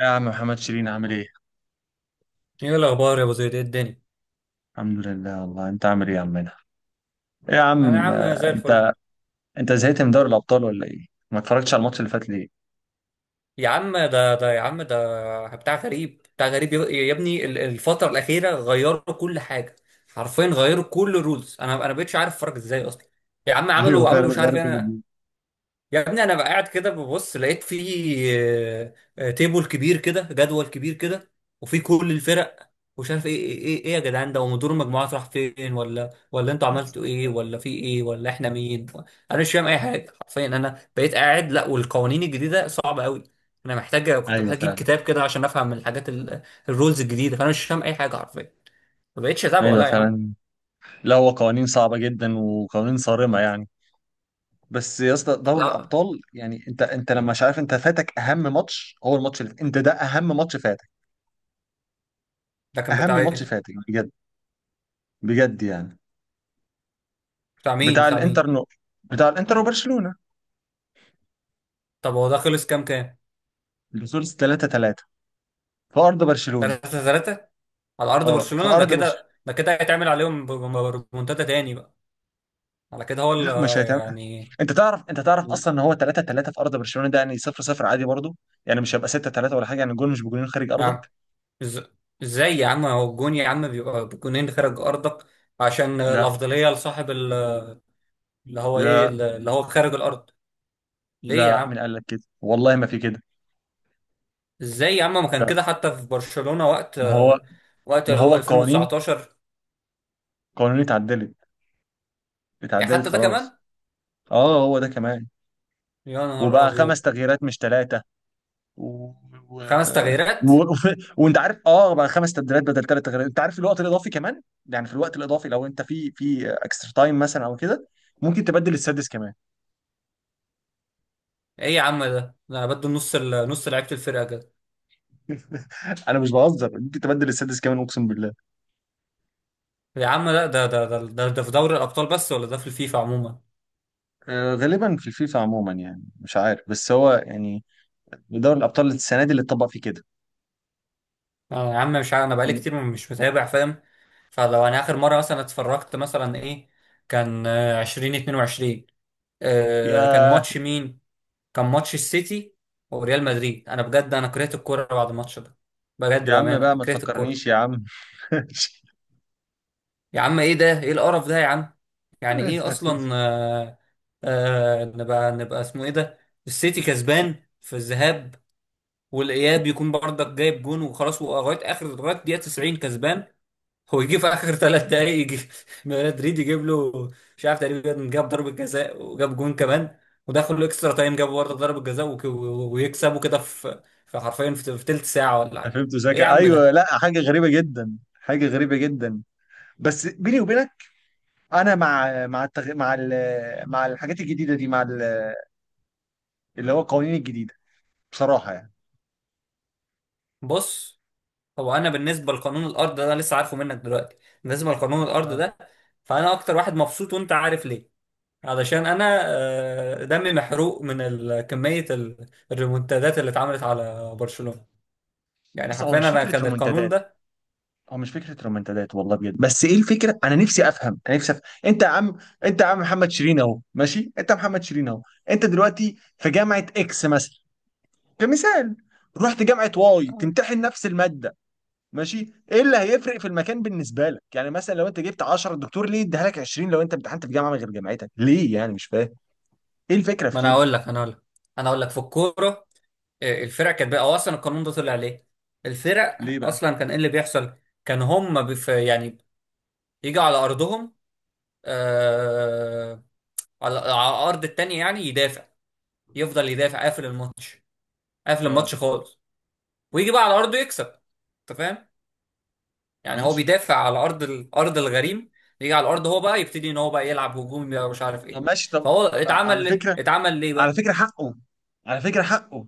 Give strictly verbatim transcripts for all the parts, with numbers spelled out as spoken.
يا عم محمد شيرين عامل ايه؟ ايه الاخبار يا ابو زيد؟ ايه الدنيا؟ الحمد لله والله، انت عامل ايه يا عمنا؟ ايه يا انا يا عم، عم زي آه، الفل. انت انت زهقت من دوري الابطال ولا ايه؟ ما اتفرجتش على الماتش اللي فات ليه؟ يا عم ده ده يا عم ده بتاع غريب بتاع غريب يا يا ابني، ال- الفتره الاخيره غيروا كل حاجه. حرفيا غيروا كل الرولز. انا انا بقتش عارف اتفرج ازاي اصلا. يا عم ايوه عملوا فعلا، عملوا مش عارف غير كل ايه. دول. يا ابني انا بقى قاعد كده ببص، لقيت في تيبل كبير كده، جدول كبير كده، وفي كل الفرق، ومش عارف ايه ايه ايه, إيه يا جدعان؟ ده ومدير المجموعات راح فين؟ ولا ولا انتوا عملتوا ايه، ولا في ايه، ولا احنا مين؟ انا مش فاهم اي حاجه حرفيا. انا بقيت قاعد، لا والقوانين الجديده صعبه قوي. انا محتاج، كنت ايوه محتاج اجيب فعلا. كتاب كده عشان افهم الحاجات ال- الرولز الجديده. فانا مش فاهم اي حاجه حرفيا. ما بقتش اتابعه، ايوه لا يا عم. فعلا. لا، هو قوانين صعبه جدا وقوانين صارمه يعني. بس يا اسطى، دوري لا، الابطال يعني انت انت لما مش عارف، انت فاتك اهم ماتش، هو الماتش اللي انت ده اهم ماتش فاتك. ده كان اهم بتاع ماتش ايه؟ فاتك بجد. بجد يعني. بتاع مين بتاع بتاع الانتر مين نو بتاع الانتر وبرشلونه. طب هو ده خلص كام كام اللي خلص تلاتة تلاتة في ارض برشلونه. تلاته تلاته على ارض اه، في برشلونة. ده ارض برشلونه. كده، ده كده هيتعمل عليهم ب- ب- ريمونتادا تاني بقى. على كده هو ال- لا مش هيتعمل. يعني. انت تعرف انت تعرف اصلا ان هو تلاتة تلاتة في ارض برشلونه، ده يعني صفر صفر عادي برضه. يعني مش هيبقى ستة ثلاثة ولا حاجه، يعني الجول مش بجولين خارج ارضك. يعني إز- ازاي يا عم هو الجون يا عم بيبقى بجونين خارج ارضك؟ عشان لا. الافضليه لصاحب ال- اللي هو ايه، لا. اللي هو خارج الارض. ليه يا لا، عم؟ مين قال لك كده، والله ما في كده. ازاي يا عم؟ ما كان لا. كده حتى في برشلونة وقت ما هو وقت ما اللي هو هو القوانين، ألفين وتسعتاشر. قوانين اتعدلت إيه؟ اتعدلت حتى ده خلاص. كمان؟ اه هو ده كمان. يا نهار وبقى ابيض. خمس تغييرات مش ثلاثه. و... و... خمس تغييرات؟ و... وف... وانت عارف، اه بقى خمس تبديلات بدل ثلاث تغييرات، انت عارف الوقت الاضافي كمان. يعني في الوقت الاضافي لو انت في في اكسترا تايم مثلا او كده، ممكن تبدل السادس كمان. ايه يا عم؟ ده ده انا بدو نص ال- نص لعيبه الفرقه كده. انا مش بهزر، ممكن تبدل السادس كمان، اقسم بالله. يا عم لا، ده ده ده ده, ده في دوري الابطال بس، ولا ده في الفيفا عموما؟ آه، غالبا في الفيفا عموما، يعني مش عارف، بس هو يعني دوري الابطال السنه دي اللي اتطبق فيه كده. آه يا عم مش عارف، انا بقالي كتير مش متابع، فاهم؟ فلو انا اخر مره مثلا اتفرجت مثلا ايه، كان آه، ألفين واتنين وعشرين. آه، كان ياه. ماتش مين؟ كان ماتش السيتي وريال مدريد. انا بجد، انا كرهت الكوره بعد الماتش ده. بجد يا عم بامانه بقى أنا ما كرهت الكوره. تفكرنيش يا عم. يا عم ايه ده؟ ايه القرف ده يا عم؟ يعني ايه اصلا؟ آه آه، نبقى نبقى اسمه ايه ده؟ السيتي كسبان في الذهاب، والاياب يكون برضك جايب جون وخلاص، ولغايه اخر لغايه دقيقه تسعين كسبان. هو يجي في اخر تلات دقايق، يجي مدريد يجيب له، مش عارف، تقريبا جاب ضربه جزاء وجاب جون كمان. ودخلوا اكسترا تايم، جابوا برضه ضربه جزاء، وك- و- ويكسبوا كده، في في حرفيا في في تلت ساعه ولا حاجه. فهمت ايه يا زكا. عم ايوه، ده؟ لا حاجه غريبه جدا، حاجه غريبه جدا. بس بيني وبينك، انا مع مع التغ... مع ال... مع الحاجات الجديده دي، مع ال... اللي هو القوانين الجديده، بصراحه يعني. بص، هو انا بالنسبه لقانون الارض ده انا لسه عارفه منك دلوقتي. بالنسبه لقانون الارض آه. ده، فانا اكتر واحد مبسوط، وانت عارف ليه؟ علشان انا، آه، دمي محروق من ال- كمية ال- الريمونتادات اللي اتعملت على برشلونة. يعني بص، هو حرفيا مش انا فكره كان القانون رومنتادات. ده. هو مش فكره رومنتادات والله بجد. بس ايه الفكره، انا نفسي افهم، انا نفسي افهم. انت يا عم، انت يا عم محمد شيرين اهو، ماشي، انت محمد شيرين اهو. انت دلوقتي في جامعه اكس مثلا، كمثال. رحت جامعه واي تمتحن نفس الماده، ماشي. ايه اللي هيفرق في المكان بالنسبه لك؟ يعني مثلا لو انت جبت عشرة الدكتور ليه يديها لك عشرين؟ لو انت امتحنت في جامعه غير جامعتك ليه يعني، مش فاهم ايه الفكره في ما انا كده. اقول لك انا اقول لك انا اقول لك في الكورة. آه، الفرق كانت بقى، هو اصلا القانون ده طلع ليه؟ الفرق ليه بقى. اصلا كان ايه اللي بيحصل؟ كان هم بف يعني يجوا على ارضهم، آه، على على ارض التانية، يعني يدافع، يفضل يدافع قافل الماتش، قافل اه. الماتش خالص، ويجي بقى على ارضه يكسب. انت فاهم؟ يعني هو ماشي. بيدافع على ارض الارض الغريم، يجي على الارض هو بقى يبتدي ان هو بقى يلعب هجومي بقى، ومش عارف طب ايه. ماشي، طب. فهو ما- على اتعمل ليه، فكره، اتعمل ليه على بقى. فكره حقه، على فكره حقه.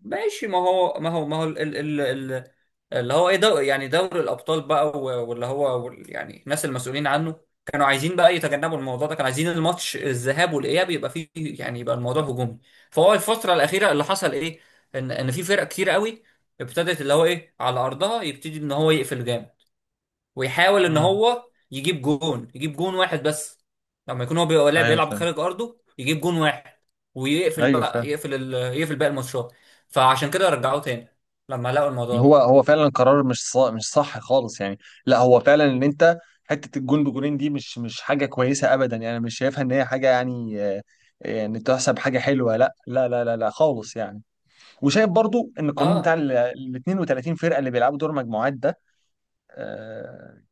ماشي، ما هو ما هو ما هو ال ال ال اللي هو ايه، دو يعني دوري الابطال بقى، و- واللي هو وال- يعني الناس المسؤولين عنه كانوا عايزين بقى يتجنبوا الموضوع ده. كانوا عايزين الماتش الذهاب والاياب يبقى فيه يعني، يبقى الموضوع هجومي. فهو الفتره الاخيره اللي حصل ايه، ان ان في فرق كتير قوي ابتدت، اللي هو ايه، على ارضها يبتدي ان هو يقفل جامد، ويحاول ان مم. هو يجيب جون، يجيب جون واحد بس، لما يكون هو بيبقى لاعب ايوه بيلعب فاهم. خارج ارضه يجيب جون واحد، ويقفل ايوه بقى، فاهم. يقفل ال... يقفل باقي الماتشات. فعشان كده رجعوه تاني لما لقوا الموضوع هو ده. هو فعلا قرار مش صح، مش صح خالص يعني. لا هو فعلا ان انت، حته الجون بجونين دي مش مش حاجه كويسه ابدا يعني. أنا مش شايفها ان هي حاجه يعني، آه، يعني تحسب حاجه حلوه، لا لا لا لا لا خالص يعني. وشايف برضو ان القانون بتاع اه. ال ال اثنان وثلاثون فرقه اللي بيلعبوا دور مجموعات ده، آه،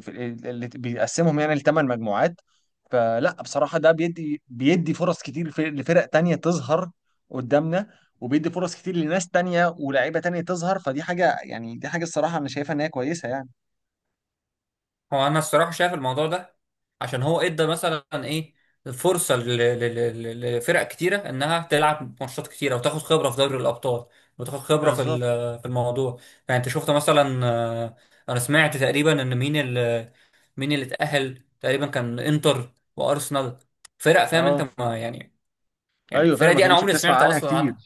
في ال- اللي بيقسمهم يعني لثمان مجموعات. فلا بصراحة، ده بيدي بيدي فرص كتير في- لفرق تانية تظهر قدامنا، وبيدي فرص كتير لناس تانية ولاعيبة تانية تظهر. فدي حاجة يعني، دي حاجة الصراحة أنا شايفها إن هي كويسة يعني. هو انا الصراحه شايف الموضوع ده عشان هو ادى مثلا ايه، فرصه ل- ل- ل- لفرق كتيره انها تلعب ماتشات كتيره، وتاخد خبره في دوري الابطال، وتاخد خبره في بالظبط. ال- في الموضوع. يعني انت شفت مثلا، آه، انا سمعت تقريبا ان مين اللي مين اللي اتاهل تقريبا كان انتر وارسنال. فرق، فاهم انت اه. ما يعني؟ يعني ايوه الفرق فعلا، ما دي انا كانتش عمري بتسمع سمعت عنها اصلا كتير. عنها.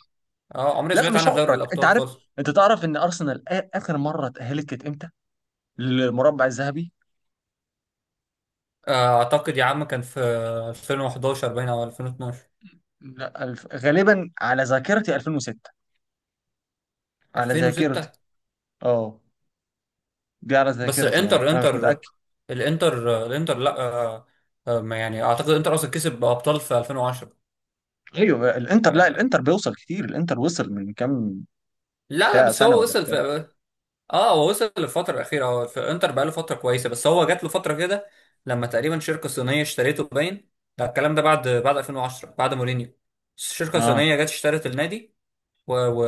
اه، عمري لا سمعت مش عنها في دوري عمرك، انت الابطال عارف. خالص. انت تعرف ان ارسنال آ- اخر مره اتاهلت كانت امتى للمربع الذهبي؟ آه، اعتقد يا عم كان في ألفين وحداشر باين، او ألفين واتناشر. لا، الف... غالبا على ذاكرتي ألفين وستة، على ذاكرتي. ألفين وستة؟ اه. دي على بس ذاكرتي يعني، انتر انا مش متاكد. انتر الانتر الانتر لا، آه، آه، ما يعني اعتقد انتر اصلا كسب ابطال في ألفين وعشرة. ايوه الانتر، لا آه، الانتر بيوصل كتير، الانتر وصل من كام، لا لا، بتاع بس سنه هو ولا وصل بتاع؟ في اه آه، هو وصل للفتره الاخيره. هو في انتر بقى له فتره كويسه، بس هو جات له فتره كده لما تقريبا شركه صينيه اشتريته باين. ده الكلام ده بعد بعد ألفين وعشرة، بعد مورينيو. الشركه اه. الصينيه جت اشترت النادي، و... و...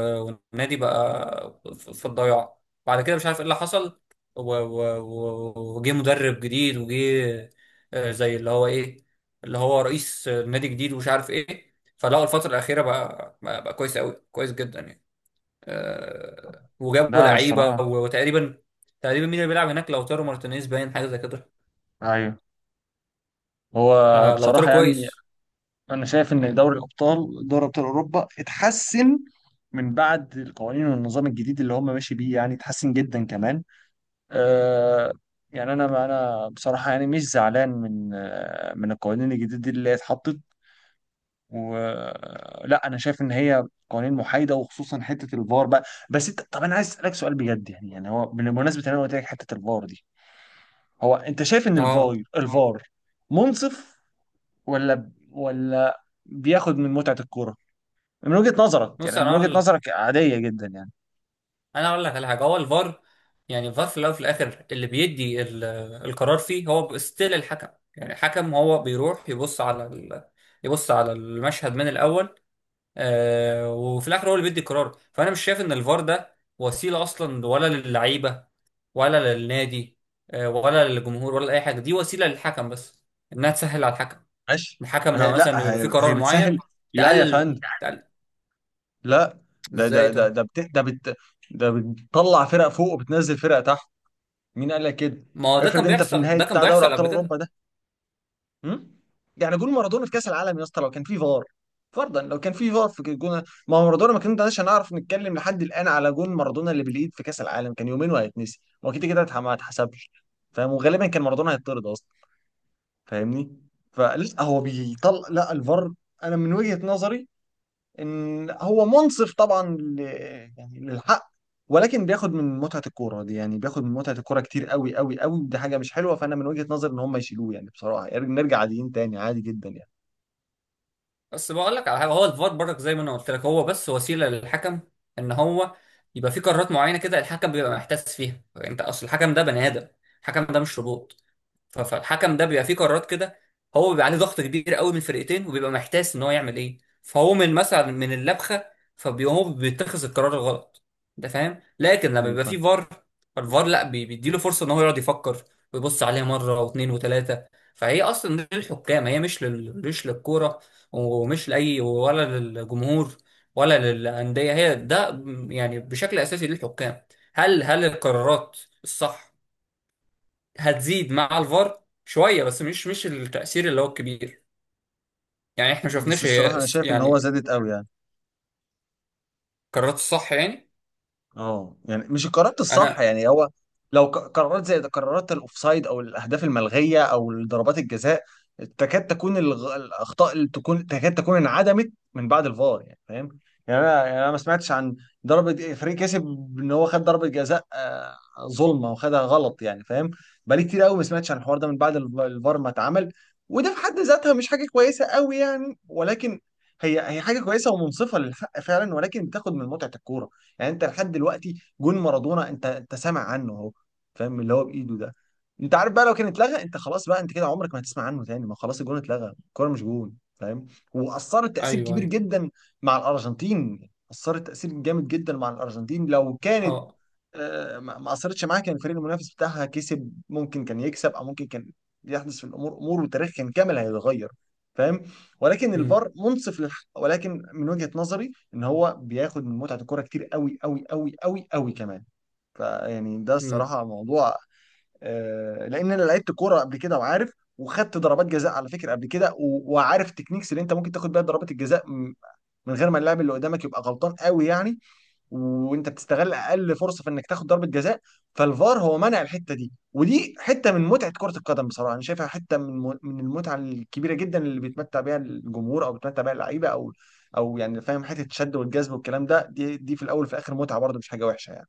والنادي بقى في في الضياع، بعد كده مش عارف ايه اللي حصل، و... و... و... وجه مدرب جديد، وجه آه، زي اللي هو ايه، اللي هو رئيس نادي جديد، ومش عارف ايه، فلقوا الفترة الأخيرة بقى، بقى, بقى كويس قوي، كويس جدا يعني. آه، وجابوا لا انا لعيبة الصراحه. و- وتقريبا، تقريبا مين اللي بيلعب هناك، لوتارو مارتينيز باين، حاجة زي كده. ايوه. هو آه، لوتارو بصراحه يعني كويس. انا شايف ان دوري الابطال، دوري ابطال اوروبا اتحسن من بعد القوانين والنظام الجديد اللي هم ماشي بيه، يعني اتحسن جدا كمان. آه، يعني انا انا بصراحه يعني مش زعلان من آه من القوانين الجديده دي اللي هي اتحطت. ولا انا شايف ان هي قوانين محايده، وخصوصا حته الفار بقى. بس انت طب، انا عايز اسالك سؤال بجد يعني، يعني هو بمناسبه ان انا قلت لك حته الفار دي، هو انت شايف ان الفار اه. الفار منصف، ولا ولا بياخد من متعه الكوره؟ من وجهه نظرك نص يعني، من وجهه انا، نظرك عاديه جدا يعني. انا اقول لك على حاجه. هو الفار، يعني الفار في الاول وفي الاخر اللي بيدي ال- آه، القرار فيه هو ستيل الحكم. يعني الحكم هو بيروح يبص على ال... آه، يبص على المشهد من الاول. آه، وفي الاخر هو اللي بيدي القرار. فانا مش شايف ان الفار ده وسيله اصلا، ولا للعيبه، ولا للنادي، آه، ولا للجمهور، ولا اي حاجه. دي وسيله للحكم بس، انها تسهل على الحكم، ماشي. الحكم ما لما هي مثلا لا، يبقى في هي, هي قرار معين. بتسهل. لا يا تقلل فندم. تقلل. لا، ده ده ازاي ده طيب؟ ده بت... ده بت... ده بتطلع فرق فوق وبتنزل فرق تحت. مين قال لك كده؟ ما هو ده افرض كان انت في بيحصل، نهاية ده كان بتاع دوري بيحصل ابطال قبل كده. اوروبا، هم؟ يعني جول مارادونا في كاس العالم يا اسطى، لو كان في فار، فرضا لو كان في فار في جول، ما هو مارادونا ما كناش هنعرف نتكلم لحد الان على جول مارادونا اللي بالايد في كاس العالم، كان يومين وهيتنسي، هو كده كده اتح- ما اتحسبش. فاهم؟ وغالبا كان مارادونا هيطرد اصلا، فاهمني؟ فلا هو بيطلع، لا الفار انا من وجهة نظري ان هو منصف طبعا ل... يعني للحق، ولكن بياخد من متعة الكورة دي، يعني بياخد من متعة الكورة كتير قوي قوي قوي، دي حاجة مش حلوة. فانا من وجهة نظري ان هم يشيلوه، يعني بصراحة يعني، نرجع عاديين تاني، عادي جدا يعني. بس بقول لك على حاجه، هو الفار برضك زي ما انا قلت لك، هو بس وسيله للحكم، ان هو يبقى في قرارات معينه كده الحكم بيبقى محتاس فيها. انت اصل الحكم ده بني ادم، الحكم ده مش روبوت. ف- فالحكم ده بيبقى فيه قرارات كده، هو بيبقى عليه ضغط كبير قوي من الفرقتين، وبيبقى محتاس ان هو يعمل ايه، فهو من مثلا من اللبخه فبيبقى هو بيتخذ القرار الغلط. انت فاهم؟ لكن لما ايوه بيبقى فاهم. فيه فار، فالفار لا، بي- بيديله فرصه ان هو يقعد يفكر، ويبص عليها مره واثنين وثلاثه. فهي اصلا للحكام، هي مش لل... مش للكوره، ومش لاي، ولا للجمهور، ولا للانديه، هي ده، يعني بشكل اساسي للحكام. هل هل القرارات الصح هتزيد مع الفار شويه، بس مش مش التاثير اللي هو الكبير. يعني احنا ما بس شفناش الصراحة هي انا الس- شايف ان هو يعني زادت قوي يعني. قررت الصح يعني. اه يعني مش القرارات الصح انا، يعني، هو لو ق- قرارات زي قرارات الاوفسايد او الاهداف الملغيه او ضربات الجزاء، تكاد تكون الغ... الاخطاء اللي تكون تكاد تكون انعدمت من بعد الفار يعني، فاهم؟ يعني انا، يعني انا ما سمعتش عن ضربه فريق كسب، ان هو خد ضربه جزاء، آه، ظلمه وخدها غلط يعني، فاهم؟ بقالي كتير قوي ما سمعتش عن الحوار ده من بعد الف- الفار ما اتعمل. وده في حد ذاتها مش حاجه كويسه قوي يعني، ولكن هي هي حاجه كويسه ومنصفه للحق فعلا، ولكن بتاخد من متعه الكوره. يعني انت لحد دلوقتي جون مارادونا انت انت سامع عنه اهو، فاهم؟ اللي هو بايده ده. انت عارف بقى، لو كان اتلغى، انت خلاص بقى، انت كده عمرك ما هتسمع عنه تاني، ما خلاص الجون اتلغى، الكوره مش جون. فاهم؟ واثرت تاثير ايوه، كبير ايوه. جدا مع الارجنتين. اثرت تاثير جامد جدا مع الارجنتين، لو كانت اه. آه، ما ما اثرتش معاه، كان الفريق المنافس بتاعها كسب، ممكن كان يكسب او ممكن كان يحدث في الامور امور، وتاريخ كان كامل هيتغير. فاهم؟ ولكن امم. الفار منصف للحق، ولكن من وجهة نظري ان هو بياخد من متعة الكرة كتير قوي قوي قوي قوي قوي كمان. فيعني ده امم. الصراحة موضوع. آه، لان انا لعبت كورة قبل كده وعارف، وخدت ضربات جزاء على فكرة قبل كده و- وعارف تكنيكس اللي انت ممكن تاخد بيها ضربات الجزاء، م- من غير ما اللاعب اللي قدامك يبقى غلطان قوي يعني، وانت بتستغل اقل فرصه في انك تاخد ضربه جزاء. فالفار هو منع الحته دي، ودي حته من متعه كره القدم بصراحه، انا شايفها حته من من المتعه الكبيره جدا اللي بيتمتع بيها الجمهور او بيتمتع بيها اللعيبه او او يعني، فاهم؟ حته الشد والجذب والكلام ده، دي دي في الاول وفي الاخر متعه برضه، مش حاجه وحشه يعني.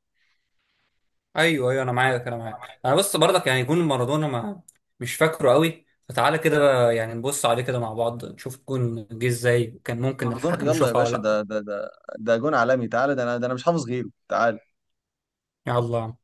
ايوه، ايوه، انا معاك، انا معاك، انا بس برضك يعني جون مارادونا، ما مش فاكره قوي، فتعالى كده بقى يعني نبص عليه كده مع بعض، نشوف الجون جه ازاي وكان ممكن مارادونا الحكم يلا يا يشوفها باشا، ده ولا. ده ده ده جون عالمي، تعالى، ده انا ده انا مش حافظ غيره، تعالى. لا، يلا.